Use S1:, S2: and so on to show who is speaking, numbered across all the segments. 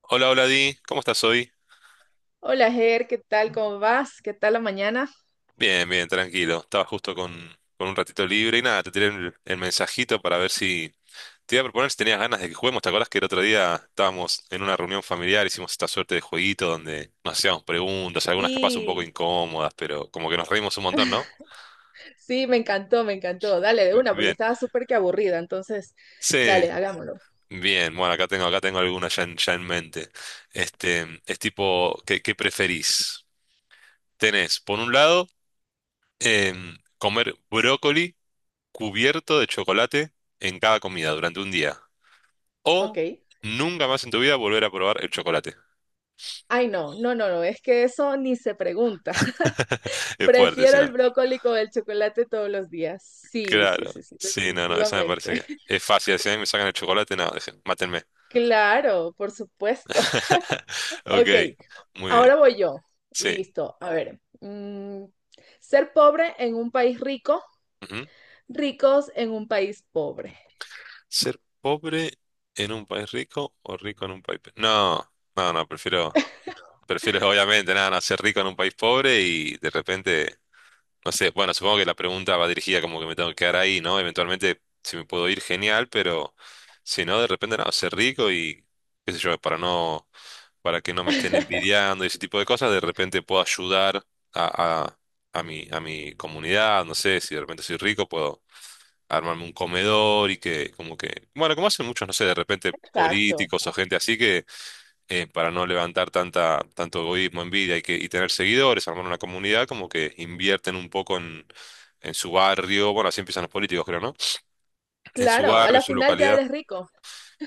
S1: Hola, hola Di, ¿cómo estás hoy?
S2: Hola, Ger, ¿qué tal? ¿Cómo vas? ¿Qué tal la mañana?
S1: Bien, bien, tranquilo. Estaba justo con un ratito libre y nada, te tiré el mensajito para ver si te iba a proponer si tenías ganas de que juguemos. ¿Te acordás que el otro día estábamos en una reunión familiar, hicimos esta suerte de jueguito donde nos hacíamos preguntas, algunas capaz un poco
S2: Sí,
S1: incómodas, pero como que nos reímos un montón, ¿no?
S2: Sí, Me encantó, me encantó. Dale de
S1: Bi-
S2: una, porque
S1: Bien.
S2: estaba súper que aburrida. Entonces,
S1: Sí,
S2: dale, hagámoslo.
S1: bien. Bueno, acá tengo alguna ya en mente. Es tipo, ¿qué preferís? Tenés, por un lado, comer brócoli cubierto de chocolate en cada comida durante un día.
S2: Ok.
S1: O nunca más en tu vida volver a probar el chocolate.
S2: Ay, no, no, no, no, es que eso ni se pregunta.
S1: Es fuerte,
S2: Prefiero
S1: si no.
S2: el brócoli con el chocolate todos los días. Sí, sí,
S1: Claro.
S2: sí, sí,
S1: Sí, no, no, esa me
S2: definitivamente.
S1: parece que es fácil. Si a mí me sacan el chocolate, no, dejen, mátenme.
S2: Claro, por supuesto.
S1: Ok,
S2: Ok,
S1: muy bien.
S2: ahora voy yo.
S1: Sí.
S2: Listo, a ver. Ser pobre en un país rico,
S1: Ujú.
S2: ricos en un país pobre.
S1: Ser pobre en un país rico o rico en un país. No, no, no, prefiero. Prefiero obviamente nada, no, ser rico en un país pobre y de repente no sé, bueno, supongo que la pregunta va dirigida como que me tengo que quedar ahí, ¿no? Eventualmente, si me puedo ir, genial, pero si no, de repente, no, ser rico y, qué sé yo, para no, para que no me estén envidiando y ese tipo de cosas, de repente puedo ayudar a, a, a mi comunidad, no sé, si de repente soy rico, puedo armarme un comedor y que, como que, bueno, como hacen muchos, no sé, de repente
S2: Exacto.
S1: políticos o gente así que para no levantar tanto egoísmo, envidia y tener seguidores, armar una comunidad, como que invierten un poco en, su barrio, bueno, así empiezan los políticos, creo, ¿no? En su
S2: Claro, a
S1: barrio, en
S2: la
S1: su
S2: final ya
S1: localidad.
S2: eres rico.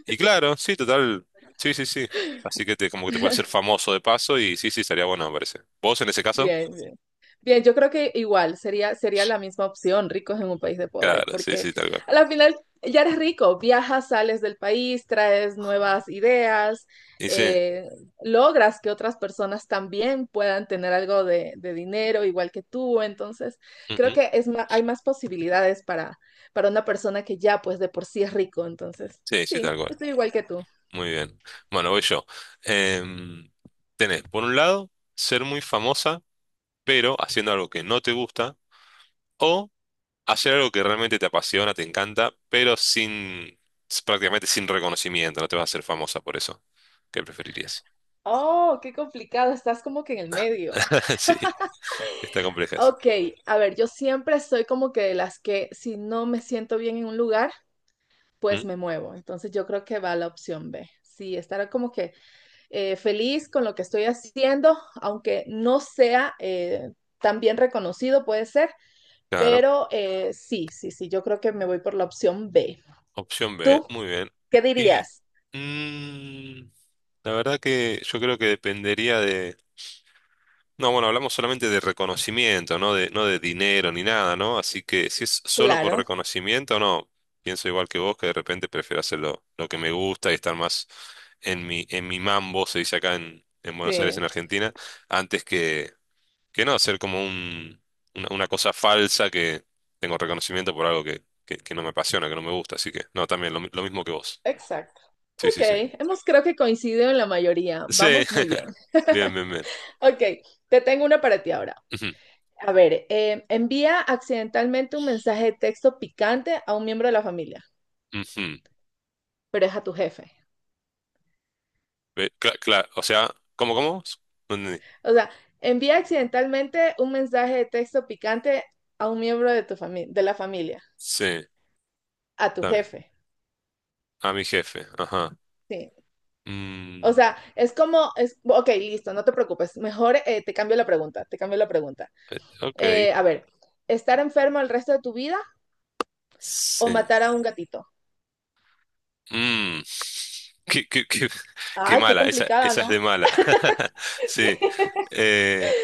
S1: Y claro, sí, total, sí, sí, sí. Así que como que te puedes hacer famoso de paso y sí, sí, estaría bueno, me parece. ¿Vos en ese caso?
S2: Bien, bien. Bien, yo creo que igual sería la misma opción, ricos en un país de pobres,
S1: Claro, sí,
S2: porque
S1: sí, tal cual.
S2: a la final ya eres rico, viajas, sales del país, traes nuevas ideas,
S1: Y sí,
S2: eh, logras que otras personas también puedan tener algo de dinero igual que tú. Entonces, creo
S1: ujú.
S2: que es hay más posibilidades para una persona que ya pues de por sí es rico. Entonces,
S1: Sí, sí, tal
S2: sí,
S1: cual.
S2: estoy igual que tú.
S1: Muy bien. Bueno, voy yo. Em, tenés, por un lado, ser muy famosa, pero haciendo algo que no te gusta, o hacer algo que realmente te apasiona, te encanta, pero sin, prácticamente sin reconocimiento, no te vas a hacer famosa por eso. ¿Qué preferirías?
S2: Oh, qué complicado, estás como que en el medio.
S1: Sí, está compleja esa.
S2: Ok, a ver, yo siempre soy como que de las que si no me siento bien en un lugar, pues
S1: ¿Mm?
S2: me muevo. Entonces yo creo que va la opción B. Sí, estar como que feliz con lo que estoy haciendo, aunque no sea tan bien reconocido, puede ser,
S1: Claro,
S2: pero sí, sí, sí, yo creo que me voy por la opción B.
S1: opción B,
S2: ¿Tú
S1: muy bien.
S2: qué
S1: Y
S2: dirías?
S1: mm, la verdad que yo creo que dependería de. No, bueno, hablamos solamente de reconocimiento, no de, dinero ni nada, ¿no? Así que si es solo por
S2: Claro,
S1: reconocimiento, no. Pienso igual que vos, que de repente prefiero hacer lo que me gusta y estar más en mi, mambo, se dice acá en Buenos Aires,
S2: sí,
S1: en Argentina, antes que no, hacer como una cosa falsa que tengo reconocimiento por algo que no me apasiona, que no me gusta. Así que, no, también lo mismo que vos.
S2: exacto.
S1: Sí,
S2: Ok,
S1: sí, sí.
S2: hemos creo que coincidido en la mayoría.
S1: Sí,
S2: Vamos muy bien.
S1: bien, bien, bien.
S2: Ok, te tengo una para ti ahora.
S1: Ujú,
S2: A ver, envía accidentalmente un mensaje de texto picante a un miembro de la familia,
S1: ujú.
S2: pero es a tu jefe.
S1: O sea, ¿cómo? No entendí.
S2: O sea, envía accidentalmente un mensaje de texto picante a un miembro de tu familia, de la familia,
S1: Sí,
S2: a tu
S1: está bien.
S2: jefe.
S1: A mi jefe, ajá.
S2: Sí. O
S1: Mm,
S2: sea, es como, es, ok, listo, no te preocupes. Mejor te cambio la pregunta, te cambio la pregunta.
S1: ok,
S2: A ver, ¿estar enfermo el resto de tu vida o
S1: sí.
S2: matar a un gatito?
S1: Mm, qué, qué- qué- qué
S2: Ay, qué
S1: mala, esa,
S2: complicada,
S1: esa es
S2: ¿no?
S1: de mala. Sí. Eh,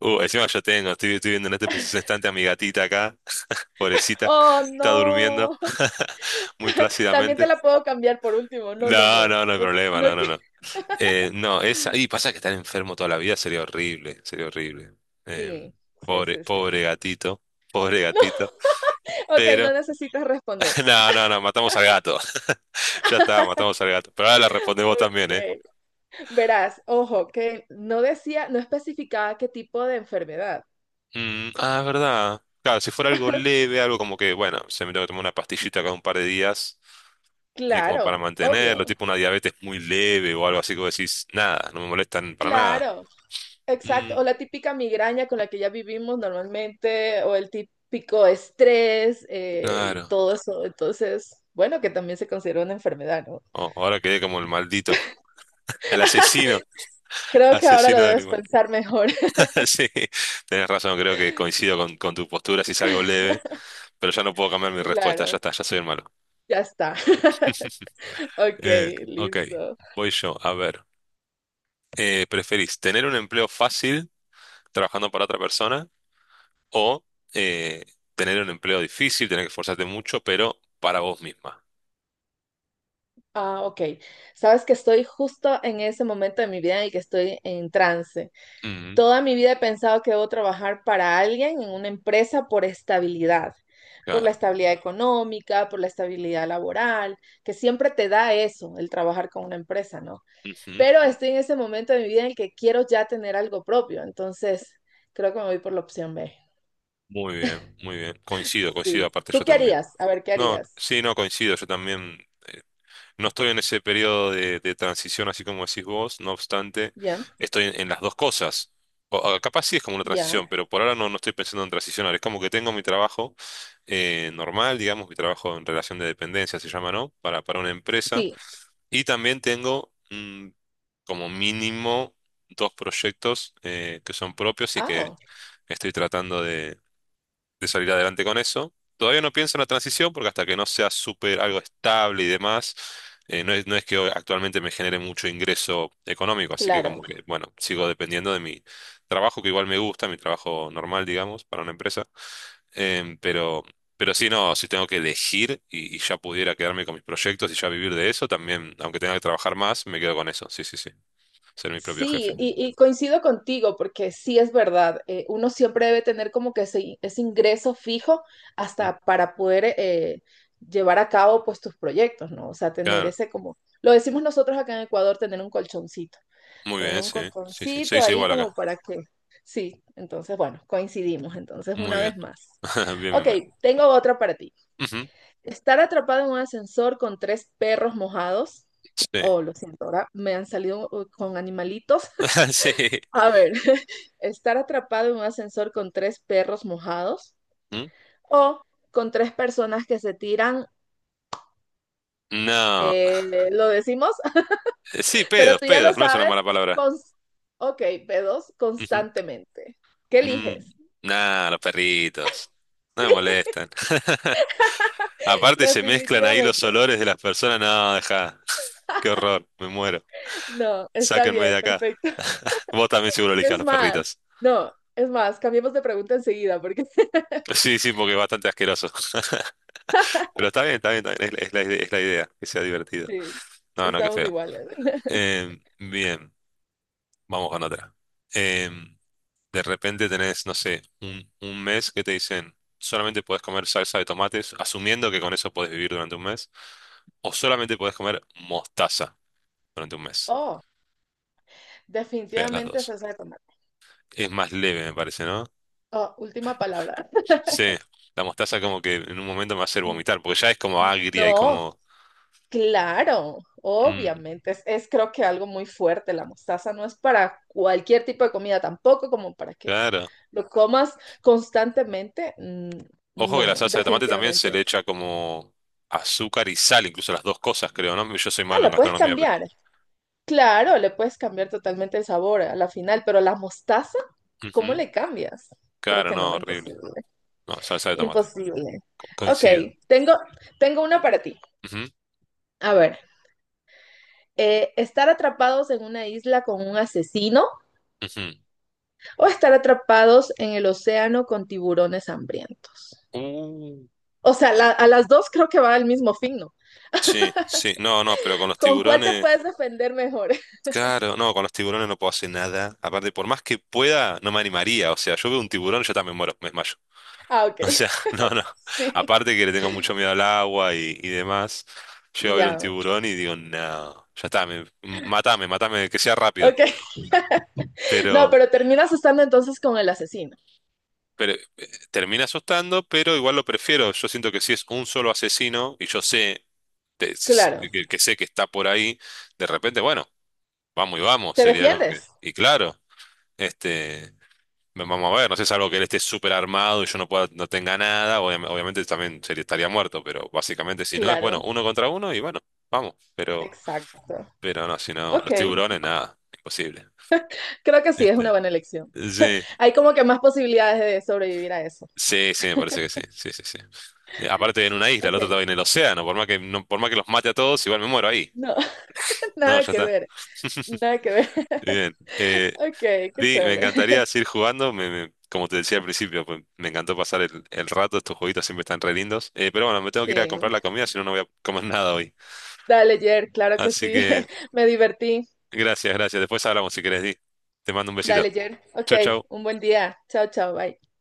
S1: encima yo estoy viendo en este preciso instante a mi gatita acá, pobrecita,
S2: Oh,
S1: está durmiendo
S2: no.
S1: muy
S2: También te
S1: plácidamente.
S2: la puedo cambiar por último. No, no,
S1: No,
S2: no.
S1: no, no hay
S2: No,
S1: problema, no,
S2: no
S1: no,
S2: que...
S1: no. No, esa, y pasa que estar enfermo toda la vida sería horrible, sería horrible.
S2: Sí,
S1: Em,
S2: sí,
S1: pobre,
S2: sí, sí.
S1: pobre gatito, pobre
S2: No,
S1: gatito.
S2: ok, no necesitas responder.
S1: No, no, no, matamos al gato. Ya está, matamos al gato. Pero ahora la respondés vos también, ¿eh?
S2: Ok. Verás, ojo, que no decía, no especificaba qué tipo de enfermedad.
S1: Mm, ah, es verdad. Claro, si fuera algo leve, algo como que, bueno, se me tengo que tomar una pastillita cada un par de días, como para
S2: Claro,
S1: mantenerlo,
S2: obvio.
S1: tipo una diabetes muy leve o algo así que vos decís, nada, no me molestan para nada.
S2: Claro,
S1: Mm,
S2: exacto. O la típica migraña con la que ya vivimos normalmente, o el típico estrés y
S1: claro.
S2: todo eso. Entonces, bueno, que también se considera una enfermedad, ¿no?
S1: Oh, ahora quedé como el maldito, el asesino,
S2: Creo que ahora lo
S1: asesino de
S2: debes
S1: animal.
S2: pensar mejor.
S1: Sí, tenés razón, creo que coincido con, tu postura si es algo leve, pero ya no puedo cambiar mi respuesta, ya
S2: Claro,
S1: está, ya soy el malo.
S2: ya está. Ok,
S1: Ok,
S2: listo.
S1: voy yo, a ver. ¿Preferís tener un empleo fácil trabajando para otra persona o eh, tener un empleo difícil, tener que esforzarte mucho, pero para vos misma?
S2: Ah, ok. Sabes que estoy justo en ese momento de mi vida en el que estoy en trance.
S1: Ujú,
S2: Toda mi vida he pensado que debo trabajar para alguien en una empresa por estabilidad, por la
S1: claro.
S2: estabilidad económica, por la estabilidad laboral, que siempre te da eso, el trabajar con una empresa, ¿no?
S1: Ujú.
S2: Pero estoy en ese momento de mi vida en el que quiero ya tener algo propio, entonces creo que me voy por la opción B.
S1: Muy bien, muy bien. Coincido, coincido,
S2: Sí.
S1: aparte yo
S2: ¿Tú qué
S1: también.
S2: harías? A ver, ¿qué
S1: No,
S2: harías?
S1: sí, no, coincido, yo también. eh, No estoy en ese periodo de, transición así como decís vos, no obstante,
S2: Ya,
S1: estoy en las dos cosas. O capaz sí es como una
S2: ya.
S1: transición, pero por ahora no, no estoy pensando en transicionar. Es como que tengo mi trabajo normal, digamos, mi trabajo en relación de dependencia se llama, ¿no? para una empresa.
S2: Sí.
S1: Y también tengo como mínimo dos proyectos que son propios y que
S2: Ah,
S1: estoy tratando de salir adelante con eso. Todavía no pienso en la transición porque hasta que no sea súper algo estable y demás, no es que actualmente me genere mucho ingreso económico, así que
S2: claro.
S1: como que, bueno, sigo dependiendo de mi trabajo, que igual me gusta, mi trabajo normal, digamos, para una empresa. Em, pero, pero sí, no, si tengo que elegir y ya pudiera quedarme con mis proyectos y ya vivir de eso, también, aunque tenga que trabajar más, me quedo con eso, sí, sí, sí, ser mi propio jefe.
S2: Sí, y coincido contigo porque sí es verdad, uno siempre debe tener como que ese ingreso fijo
S1: Ujú.
S2: hasta para poder llevar a cabo pues tus proyectos, ¿no? O sea, tener
S1: Claro,
S2: ese como, lo decimos nosotros acá en Ecuador,
S1: muy
S2: tener
S1: bien,
S2: un
S1: sí, sí, sí, se
S2: colchoncito
S1: dice
S2: ahí
S1: igual
S2: como
S1: acá.
S2: para que, sí, entonces bueno, coincidimos, entonces
S1: Muy
S2: una
S1: bien,
S2: vez más.
S1: bien, bien,
S2: Ok,
S1: bien.
S2: tengo otra para ti.
S1: Ujú.
S2: Estar atrapado en un ascensor con tres perros mojados.
S1: Sí.
S2: Oh, lo siento, ahora me han salido con animalitos
S1: Sí.
S2: a ver, estar atrapado en un ascensor con tres perros mojados
S1: ¿Mm?
S2: o con tres personas que se tiran,
S1: No.
S2: lo decimos,
S1: Sí,
S2: pero
S1: pedos,
S2: tú ya lo
S1: pedos, no es una
S2: sabes,
S1: mala palabra.
S2: cons- ok, pedos
S1: Ujú.
S2: constantemente. ¿Qué
S1: Mm.
S2: eliges?
S1: Nah, los perritos. No
S2: Sí,
S1: me molestan. Aparte se mezclan ahí los
S2: definitivamente.
S1: olores de las personas. No, deja. Qué horror, me muero.
S2: No, está
S1: Sáquenme de
S2: bien,
S1: acá.
S2: perfecto.
S1: Vos también seguro elijas
S2: Es
S1: los
S2: más,
S1: perritos.
S2: no, es más, cambiemos de pregunta enseguida porque
S1: Sí, sí, porque es bastante asqueroso. Pero está bien, está bien, está bien. Es la, es la idea, que sea divertido.
S2: sí,
S1: No, no, qué
S2: estamos
S1: feo.
S2: iguales.
S1: Bien, vamos con otra. Eh, De repente tenés, no sé, un mes que te dicen, solamente podés comer salsa de tomates, asumiendo que con eso podés vivir durante un mes, o solamente podés comer mostaza durante un mes.
S2: Oh,
S1: Veas las
S2: definitivamente
S1: dos.
S2: salsa de tomate.
S1: Es más leve, me parece, ¿no?
S2: Oh, última palabra.
S1: Sí, la mostaza como que en un momento me va a hacer vomitar, porque ya es como agria y
S2: No,
S1: como.
S2: claro,
S1: Mm,
S2: obviamente, es creo que algo muy fuerte. La mostaza no es para cualquier tipo de comida, tampoco como para que
S1: claro.
S2: lo comas constantemente.
S1: Ojo que
S2: No,
S1: la
S2: no,
S1: salsa de tomate también se
S2: definitivamente.
S1: le echa como azúcar y sal, incluso las dos cosas, creo, ¿no? Yo soy
S2: Ah,
S1: malo en
S2: la puedes
S1: gastronomía, pero.
S2: cambiar. Claro, le puedes cambiar totalmente el sabor a la final, pero la mostaza, ¿cómo
S1: Ujú.
S2: le cambias? Creo
S1: Claro,
S2: que
S1: no,
S2: no,
S1: horrible.
S2: imposible.
S1: No, salsa de tomate.
S2: Imposible.
S1: Co-
S2: Ok,
S1: coincido.
S2: tengo, tengo una para ti.
S1: Ujú,
S2: A ver, estar atrapados en una isla con un asesino
S1: ujú.
S2: o estar atrapados en el océano con tiburones hambrientos.
S1: Uh,
S2: O sea, la, a las dos creo que va el mismo fin, ¿no?
S1: sí, sí, no, no, pero con los
S2: ¿Con cuál te
S1: tiburones,
S2: puedes defender mejor?
S1: claro, no, con los tiburones no puedo hacer nada. Aparte, por más que pueda, no me animaría. O sea, yo veo un tiburón, yo también muero, me desmayo.
S2: Ah, ok.
S1: O sea, no, no.
S2: Sí.
S1: Aparte que le tengo mucho miedo al agua y demás, llego
S2: Y
S1: a ver un
S2: ya. Yeah.
S1: tiburón y digo, no, ya está, matame, matame, que sea rápido.
S2: Ok. No,
S1: Pero,
S2: pero terminas estando entonces con el asesino.
S1: pero termina asustando, pero igual lo prefiero. Yo siento que si es un solo asesino y yo sé, te-
S2: Claro.
S1: que sé que está por ahí, de repente, bueno. Vamos y vamos,
S2: ¿Te
S1: sería como que.
S2: defiendes?
S1: Y claro, este, vamos a ver, no sé, salvo que él esté súper armado y yo no pueda, no tenga nada, obviamente también sería, estaría muerto, pero básicamente si no es, bueno,
S2: Claro.
S1: uno contra uno y bueno, vamos, pero,
S2: Exacto.
S1: pero no, si no, los
S2: Ok.
S1: tiburones, nada, imposible.
S2: Creo que sí, es una
S1: Este,
S2: buena elección.
S1: sí,
S2: Hay como que más posibilidades de sobrevivir a eso.
S1: sí, sí, me parece que sí, sí, sí, sí. Aparte en una isla, el
S2: Ok.
S1: otro estaba en el océano, por más que, no, por más que los mate a todos, igual me muero ahí.
S2: No,
S1: No,
S2: nada
S1: ya
S2: que
S1: está.
S2: ver. Nada que ver.
S1: Bien. Eh,
S2: Ok, qué
S1: Sí, me
S2: chévere.
S1: encantaría seguir jugando. Como te decía al principio, pues me encantó pasar el rato. Estos jueguitos siempre están re lindos. Pero bueno, me tengo que ir a comprar
S2: Sí.
S1: la comida, si no, no voy a comer nada hoy.
S2: Dale, Jer, claro que
S1: Así
S2: sí.
S1: que
S2: Me divertí.
S1: gracias, gracias. Después hablamos si querés, Di. Te mando un
S2: Dale,
S1: besito.
S2: Jer. Ok,
S1: Chau,
S2: un
S1: chau.
S2: buen día. Chao, chao, bye.